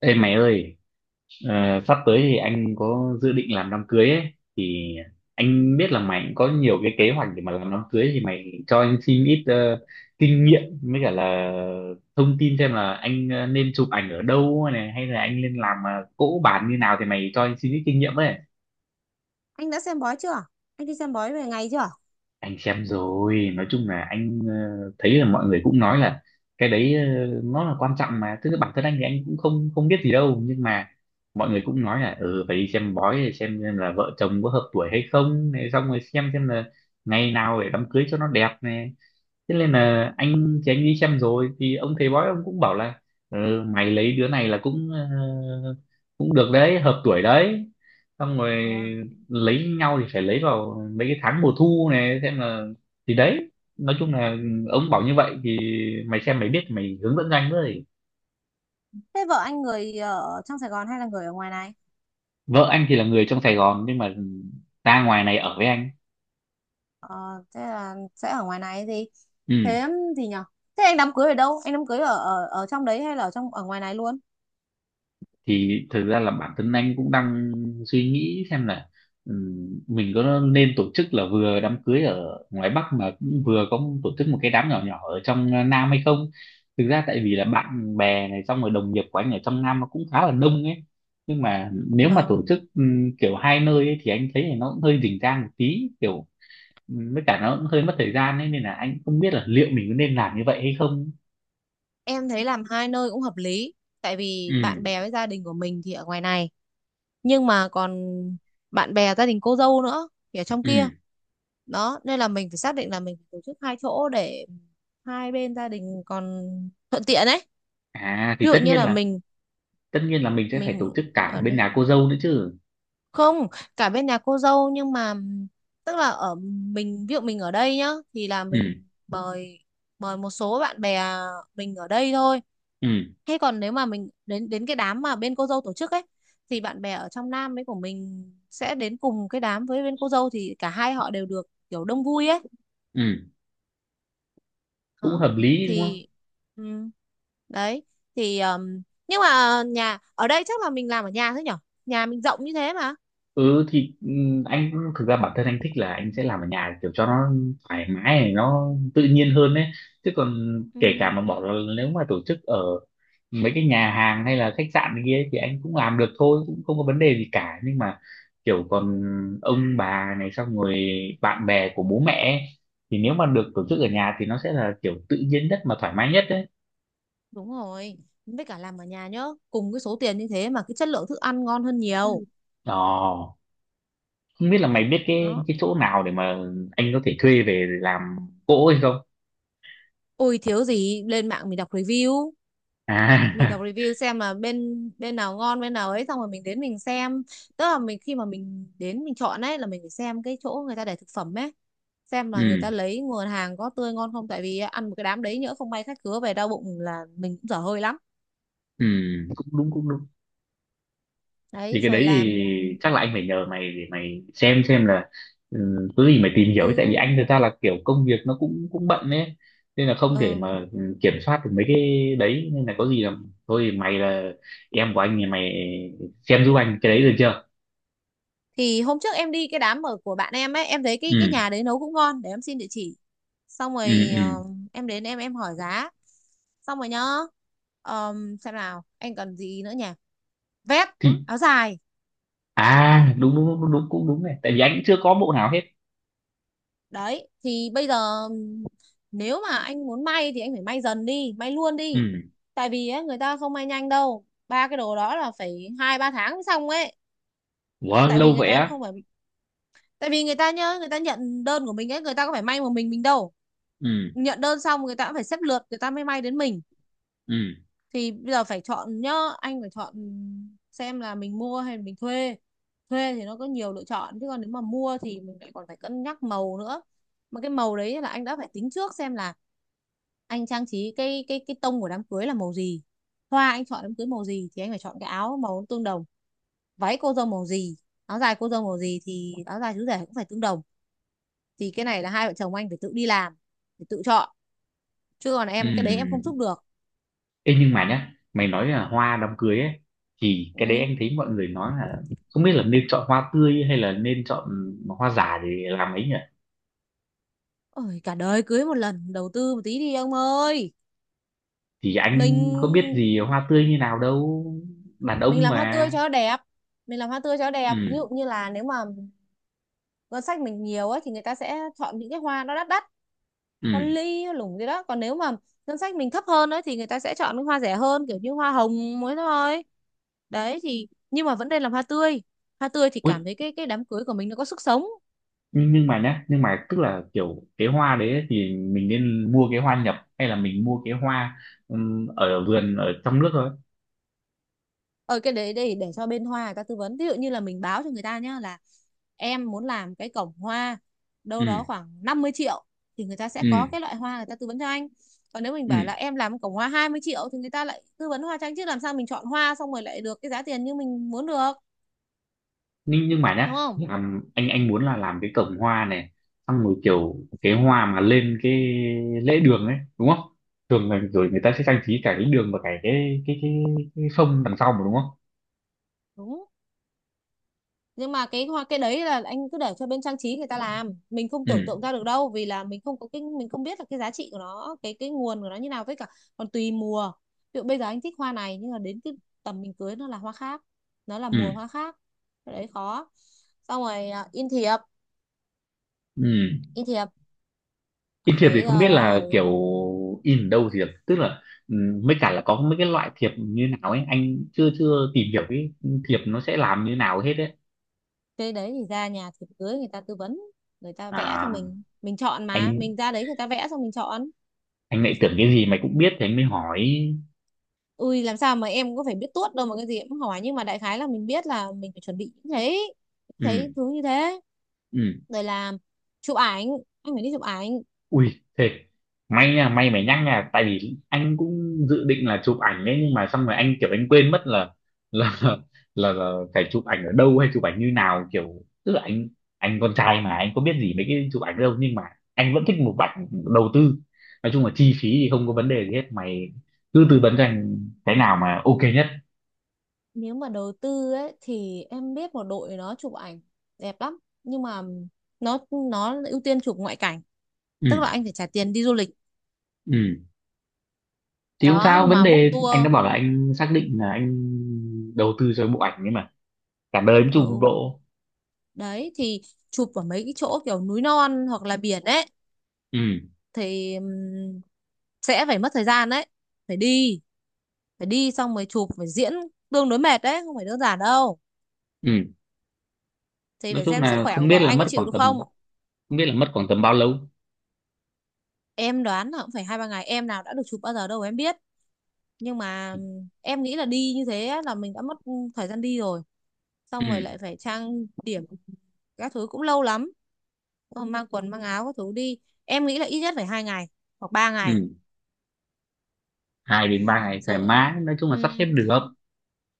Ê mày ơi, ờ, sắp tới thì anh có dự định làm đám cưới ấy, thì anh biết là mày cũng có nhiều cái kế hoạch để mà làm đám cưới, thì mày cho anh xin ít kinh nghiệm với cả là thông tin, xem là anh nên chụp ảnh ở đâu này, hay là anh nên làm cỗ bàn như nào. Thì mày cho anh xin ít kinh nghiệm với. Anh đã xem bói chưa? Anh đi xem bói về ngày chưa? Anh xem rồi, nói chung là anh thấy là mọi người cũng nói là cái đấy nó là quan trọng, mà tức là bản thân anh thì anh cũng không không biết gì đâu, nhưng mà mọi người cũng nói là ừ phải đi xem bói để xem là vợ chồng có hợp tuổi hay không này, xong rồi xem là ngày nào để đám cưới cho nó đẹp này. Thế nên là anh thì anh đi xem rồi, thì ông thầy bói ông cũng bảo là ừ, mày lấy đứa này là cũng cũng được đấy, hợp tuổi đấy. Xong rồi Thế à? lấy nhau thì phải lấy vào mấy cái tháng mùa thu này, xem là. Thì đấy, nói chung là ông bảo như vậy thì mày xem mày biết mày hướng dẫn cho anh với. Thế vợ anh người ở trong Sài Gòn hay là người ở ngoài này? Vợ anh thì là người trong Sài Gòn nhưng mà ra ngoài này ở với anh. Ờ, thế là sẽ ở ngoài này gì? Ừ, Thế gì nhở? Thế anh đám cưới ở đâu? Anh đám cưới ở ở ở trong đấy hay là ở trong ở ngoài này luôn? thì thực ra là bản thân anh cũng đang suy nghĩ xem là mình có nên tổ chức là vừa đám cưới ở ngoài Bắc mà cũng vừa có tổ chức một cái đám nhỏ nhỏ ở trong Nam hay không. Thực ra tại vì là bạn bè này, xong rồi đồng nghiệp của anh ở trong Nam nó cũng khá là đông ấy. Nhưng mà nếu mà tổ Vâng, chức kiểu hai nơi ấy, thì anh thấy là nó cũng hơi rình rang một tí kiểu. Với cả nó cũng hơi mất thời gian ấy, nên là anh không biết là liệu mình có nên làm như vậy hay không. em thấy làm hai nơi cũng hợp lý. Tại vì bạn Ừ. bè với gia đình của mình thì ở ngoài này, nhưng mà còn bạn bè gia đình cô dâu nữa thì ở trong kia, Ừ. đó nên là mình phải xác định là mình phải tổ chức hai chỗ để hai bên gia đình còn thuận tiện ấy. À thì Ví dụ như là mình tất nhiên là mình sẽ phải tổ mình chức cả ở bên đây nhà cô dâu nữa chứ. không, cả bên nhà cô dâu nhưng mà tức là ở mình ví dụ mình ở đây nhá thì là Ừ. mình mời, mời một số bạn bè mình ở đây thôi. Ừ. Thế còn nếu mà mình đến đến cái đám mà bên cô dâu tổ chức ấy, thì bạn bè ở trong Nam ấy của mình sẽ đến cùng cái đám với bên cô dâu thì cả hai họ đều được kiểu đông vui ấy. Ừ, cũng Đó. hợp lý đúng không. Thì ừ, đấy thì nhưng mà nhà ở đây chắc là mình làm ở nhà thôi nhở? Nhà mình rộng như thế mà. Ừ thì anh thực ra bản thân anh thích là anh sẽ làm ở nhà kiểu cho nó thoải mái này, nó tự nhiên hơn đấy. Chứ còn Ừ, kể cả mà bỏ là nếu mà tổ chức ở mấy cái nhà hàng hay là khách sạn này kia ấy thì anh cũng làm được thôi, cũng không có vấn đề gì cả, nhưng mà kiểu còn ông bà này, xong rồi bạn bè của bố mẹ ấy, thì nếu mà được tổ chức ở nhà thì nó sẽ là kiểu tự nhiên nhất mà thoải mái nhất đấy. đúng rồi. Với cả làm ở nhà nhá, cùng cái số tiền như thế mà cái chất lượng thức ăn ngon hơn nhiều. Ồ, không biết là mày biết Đó. cái chỗ nào để mà anh có thể thuê về làm cỗ hay không. Ôi thiếu gì, lên mạng mình đọc review, mình À đọc review xem là bên bên nào ngon bên nào ấy, xong rồi mình đến mình xem. Tức là mình khi mà mình đến mình chọn ấy là mình phải xem cái chỗ người ta để thực phẩm ấy, xem là người ừ. ta lấy nguồn hàng có tươi ngon không, tại vì ăn một cái đám đấy nhỡ không may khách khứa về đau bụng là mình cũng dở hơi lắm. Ừ, cũng đúng cũng đúng. Thì Đấy cái rồi đấy làm. thì chắc là anh phải nhờ mày để mày xem là có gì mày tìm hiểu, tại vì Ừ anh thực ra là kiểu công việc nó cũng cũng bận ấy, nên là không thể ừ, mà kiểm soát được mấy cái đấy, nên là có gì là thôi thì mày là em của anh thì mày xem giúp anh cái đấy được chưa. thì hôm trước em đi cái đám ở của bạn em ấy, em thấy cái Ừ. nhà đấy nấu cũng ngon, để em xin địa chỉ, xong Ừ. rồi Ừ. em đến em hỏi giá, xong rồi nhá. Xem nào anh cần gì nữa nhỉ, vest, Thì áo dài. à, đúng đúng đúng đúng cũng đúng này, tại vì anh cũng chưa có bộ nào hết. Đấy thì bây giờ nếu mà anh muốn may thì anh phải may dần đi, may luôn đi, Ừ. tại vì ấy, người ta không may nhanh đâu, ba cái đồ đó là phải hai ba tháng mới xong ấy. Ủa Tại vì lâu người vậy ta á. không phải, tại vì người ta nhớ, người ta nhận đơn của mình ấy, người ta có phải may một mình đâu, Ừ. nhận đơn xong người ta cũng phải xếp lượt người ta mới may đến mình. Ừ. Thì bây giờ phải chọn nhá, anh phải chọn xem là mình mua hay mình thuê. Thuê thì nó có nhiều lựa chọn chứ còn nếu mà mua thì mình lại còn phải cân nhắc màu nữa, mà cái màu đấy là anh đã phải tính trước xem là anh trang trí cái tông của đám cưới là màu gì, hoa anh chọn đám cưới màu gì thì anh phải chọn cái áo màu tương đồng. Váy cô dâu màu gì, áo dài cô dâu màu gì thì áo dài chú rể cũng phải tương đồng. Thì cái này là hai vợ chồng anh phải tự đi làm, phải tự chọn, chứ còn Ừ. em cái đấy em không giúp Ừ. được. Ê, nhưng mà nhá mày nói là hoa đám cưới ấy, thì cái đấy Ừ. anh thấy mọi người nói là không biết là nên chọn hoa tươi hay là nên chọn hoa giả để làm ấy nhỉ. Ôi, cả đời cưới một lần, đầu tư một tí đi ông ơi. Thì anh có biết Mình gì hoa tươi như nào đâu, đàn mình ông làm hoa mà. tươi cho nó đẹp, mình làm hoa tươi cho nó đẹp. Ví Ừ. dụ như là nếu mà ngân sách mình nhiều ấy thì người ta sẽ chọn những cái hoa nó đắt đắt, hoa Ừ. ly hoa lủng gì đó, còn nếu mà ngân sách mình thấp hơn ấy thì người ta sẽ chọn những hoa rẻ hơn, kiểu như hoa hồng mới thôi. Đấy thì nhưng mà vẫn nên làm hoa tươi, hoa tươi thì cảm Ui, thấy cái đám cưới của mình nó có sức sống. nhưng mà nhá, nhưng mà tức là kiểu cái hoa đấy ấy, thì mình nên mua cái hoa nhập hay là mình mua cái hoa ở vườn ở trong nước thôi. Ờ cái đấy để cho bên hoa người ta tư vấn, ví dụ như là mình báo cho người ta nhá là em muốn làm cái cổng hoa đâu đó Ừ. khoảng 50 triệu thì người ta sẽ Ừ. có cái loại hoa người ta tư vấn cho anh. Còn nếu mình Ừ. bảo là em làm cổng hoa 20 triệu thì người ta lại tư vấn hoa cho anh, chứ làm sao mình chọn hoa xong rồi lại được cái giá tiền như mình muốn được, Nhưng mà đúng nhá, không? làm anh muốn là làm cái cổng hoa này, xong rồi kiểu cái hoa mà lên cái lễ đường ấy đúng không. Thường là rồi người ta sẽ trang trí cả cái đường và cả cái phông đằng sau mà đúng không. Đúng, nhưng mà cái hoa cái đấy là anh cứ để cho bên trang trí người ta làm, mình không Ừ. tưởng tượng ra được đâu, vì là mình không có cái, mình không biết là cái giá trị của nó, cái nguồn của nó như nào, với cả còn tùy mùa. Ví dụ bây giờ anh thích hoa này nhưng mà đến cái tầm mình cưới nó là hoa khác, nó là Ừ. mùa hoa khác, cái đấy khó. Xong rồi à, in thiệp, Ừ. in thiệp In thiệp thì phải không giờ biết là là phải. kiểu in ở đâu thiệp, tức là ừ, mới cả là có mấy cái loại thiệp như nào ấy, anh chưa chưa tìm hiểu cái thiệp nó sẽ làm như nào hết ấy. Cái đấy thì ra nhà thiệp cưới người ta tư vấn, người ta vẽ cho À, mình chọn mà, mình anh ra đấy người ta vẽ xong mình chọn. Lại tưởng cái gì mày cũng biết thì anh mới hỏi. Ui làm sao mà em có phải biết tuốt đâu mà cái gì em cũng hỏi, nhưng mà đại khái là mình biết là mình phải chuẩn bị những thế, những thế Ừ. thứ như thế. Ừ. Rồi là chụp ảnh, anh phải đi chụp ảnh. Ui thế may nha, may mày nhắc nha, tại vì anh cũng dự định là chụp ảnh đấy, nhưng mà xong rồi anh kiểu anh quên mất là là là phải chụp ảnh ở đâu hay chụp ảnh như nào, kiểu tức là anh con trai mà anh có biết gì mấy cái chụp ảnh đâu, nhưng mà anh vẫn thích một ảnh đầu tư. Nói chung là chi phí thì không có vấn đề gì hết mày, cứ tư vấn cho anh cái nào mà ok nhất. Nếu mà đầu tư ấy thì em biết một đội nó chụp ảnh đẹp lắm, nhưng mà nó nó ưu tiên chụp ngoại cảnh, tức Ừ. là anh phải trả tiền đi du lịch, Ừ. Thì không đó sao vấn mà book đề, tour. anh đã bảo là anh xác định là anh đầu tư cho bộ ảnh ấy mà, cả đời mới chụp một Ừ bộ. đấy thì chụp ở mấy cái chỗ kiểu núi non hoặc là biển ấy, Ừ. thì sẽ phải mất thời gian đấy, phải đi, phải đi xong mới chụp, phải diễn, tương đối mệt đấy không phải đơn giản đâu. Ừ. Thì Nói phải chung xem sức là khỏe của không biết vợ là anh có mất chịu khoảng được tầm, không. không biết là mất khoảng tầm bao lâu. Em đoán là cũng phải hai ba ngày, em nào đã được chụp bao giờ đâu em biết, nhưng mà em nghĩ là đi như thế là mình đã mất thời gian đi rồi, xong rồi Ừ. lại phải trang điểm các thứ cũng lâu lắm, mang quần mang áo các thứ đi, em nghĩ là ít nhất phải hai ngày hoặc ba ngày. Ừ. Hai đến ba ngày thoải Rồi, mái, nói chung là sắp xếp ừ, được.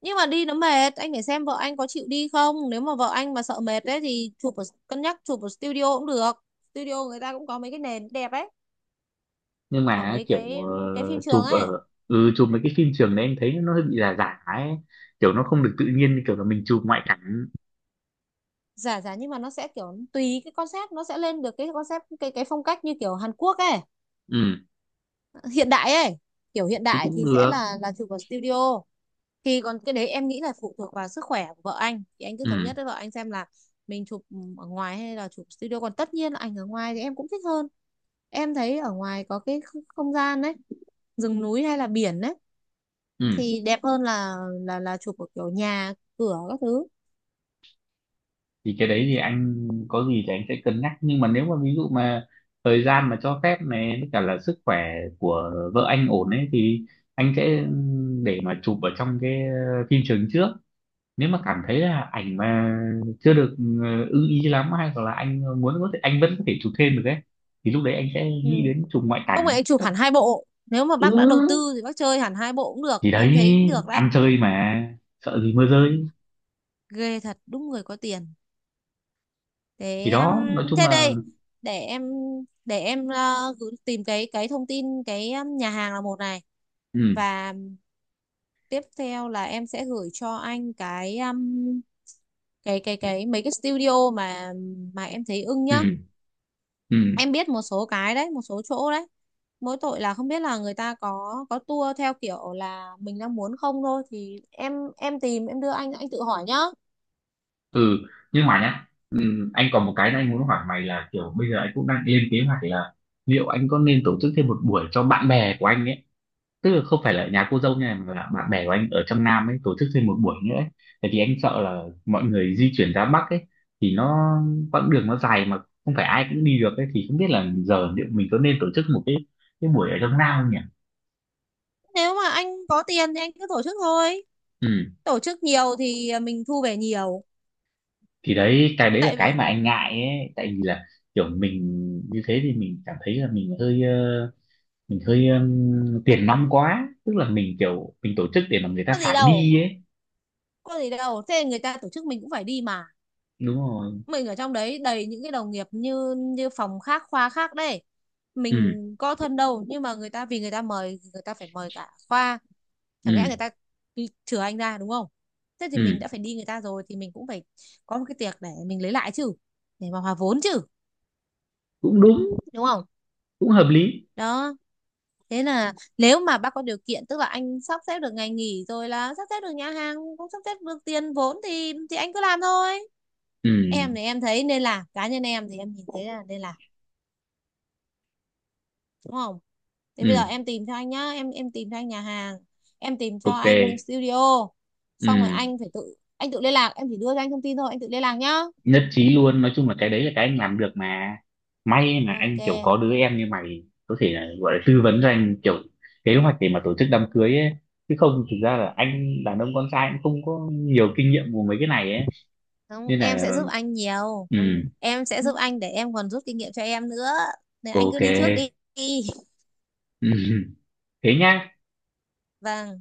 nhưng mà đi nó mệt, anh phải xem vợ anh có chịu đi không, nếu mà vợ anh mà sợ mệt đấy thì chụp ở, cân nhắc chụp ở studio cũng được. Studio người ta cũng có mấy cái nền đẹp ấy, Nhưng ở mà mấy kiểu cái phim ờ, trường chụp ấy, ở ừ chụp mấy cái phim trường đấy em thấy nó hơi bị giả giả ấy, kiểu nó không được tự nhiên như kiểu là mình chụp ngoại cảnh. giả giả nhưng mà nó sẽ kiểu tùy cái concept, nó sẽ lên được cái concept cái phong cách như kiểu Hàn Quốc ấy, Ừ hiện đại ấy. Kiểu hiện thì đại cũng thì sẽ được. là chụp ở studio. Thì còn cái đấy em nghĩ là phụ thuộc vào sức khỏe của vợ anh, thì anh cứ thống nhất Ừ. với vợ anh xem là mình chụp ở ngoài hay là chụp studio, còn tất nhiên là ảnh ở ngoài thì em cũng thích hơn. Em thấy ở ngoài có cái không gian đấy, rừng núi hay là biển đấy, Ừ. thì đẹp hơn là là chụp ở kiểu nhà cửa các thứ. Thì cái đấy thì anh có gì thì anh sẽ cân nhắc, nhưng mà nếu mà ví dụ mà thời gian mà cho phép này với cả là sức khỏe của vợ anh ổn ấy, thì anh sẽ để mà chụp ở trong cái phim trường trước. Nếu mà cảm thấy là ảnh mà chưa được ưng ý lắm, hay hoặc là anh muốn có thể anh vẫn có thể chụp thêm được ấy, thì lúc đấy anh sẽ Ừ. nghĩ đến chụp ngoại Không cảnh. phải chụp hẳn hai bộ, nếu mà bác đã đầu Ừ. tư thì bác chơi hẳn hai bộ cũng được, Thì đấy, em thấy cũng được đấy. ăn chơi mà sợ gì mưa Ừ. rơi. Ghê thật, đúng người có tiền. Thế Thì em, đó, nói chung thế là. đây, để em, tìm cái thông tin cái nhà hàng là một này, Ừ. và tiếp theo là em sẽ gửi cho anh cái cái mấy cái studio mà em thấy ưng nhá. Ừ. Ừ. Em biết một số cái đấy, một số chỗ đấy, mỗi tội là không biết là người ta có tour theo kiểu là mình đang muốn không, thôi thì em tìm, em đưa anh tự hỏi nhá. Ừ. Nhưng mà nhá, anh còn một cái anh muốn hỏi mày là kiểu bây giờ anh cũng đang lên kế hoạch là liệu anh có nên tổ chức thêm một buổi cho bạn bè của anh ấy, tức là không phải là nhà cô dâu nha, mà là bạn bè của anh ở trong Nam ấy tổ chức thêm một buổi nữa ấy. Tại vì anh sợ là mọi người di chuyển ra Bắc ấy, thì nó quãng đường nó dài mà không phải ai cũng đi được ấy, thì không biết là giờ liệu mình có nên tổ chức một cái buổi ở trong Nam không nhỉ. Nếu mà anh có tiền thì anh cứ tổ chức thôi, Ừ tổ chức nhiều thì mình thu về nhiều. thì đấy, cái đấy là Tại cái vì mà anh ngại ấy, tại vì là kiểu mình như thế thì mình cảm thấy là mình hơi, tiền nong quá, tức là mình kiểu mình tổ chức để mà người có ta gì phải đâu, đi ấy. có gì đâu, thế người ta tổ chức mình cũng phải đi mà, Đúng rồi. mình ở trong đấy đầy những cái đồng nghiệp như như phòng khác khoa khác đấy, Ừ. mình có thân đâu nhưng mà người ta vì người ta mời, người ta phải mời cả khoa, chẳng lẽ người Ừ. ta đi chừa anh ra, đúng không? Thế thì Ừ. mình đã phải đi người ta rồi thì mình cũng phải có một cái tiệc để mình lấy lại chứ, để mà hòa vốn chứ, Cũng đúng, đúng không? cũng hợp lý. Đó, thế là nếu mà bác có điều kiện, tức là anh sắp xếp được ngày nghỉ rồi, là sắp xếp được nhà hàng, cũng sắp xếp được tiền vốn, thì anh cứ làm thôi. Ừ. Em thì em thấy nên làm, cá nhân em thì em nhìn thấy là nên làm, đúng không? Thì bây giờ Ừ. em tìm cho anh nhá, em tìm cho anh nhà hàng, em tìm cho anh Ok. studio, xong rồi Ừ. anh phải tự, anh tự liên lạc, em chỉ đưa cho anh thông tin thôi, anh tự liên lạc nhá. Nhất trí luôn, nói chung là cái đấy là cái anh làm được mà. May mà Ok. anh kiểu có đứa em như mày có thể là gọi là tư vấn cho anh kiểu kế hoạch để mà tổ chức đám cưới ấy, chứ không thực ra là anh đàn ông con trai cũng không có nhiều kinh nghiệm của mấy cái này ấy. Không, Nên em sẽ là giúp anh nhiều, ừ. em sẽ giúp anh để em còn rút kinh nghiệm cho em nữa, nên anh cứ Ok. đi trước đi. Thế nhá. Vâng.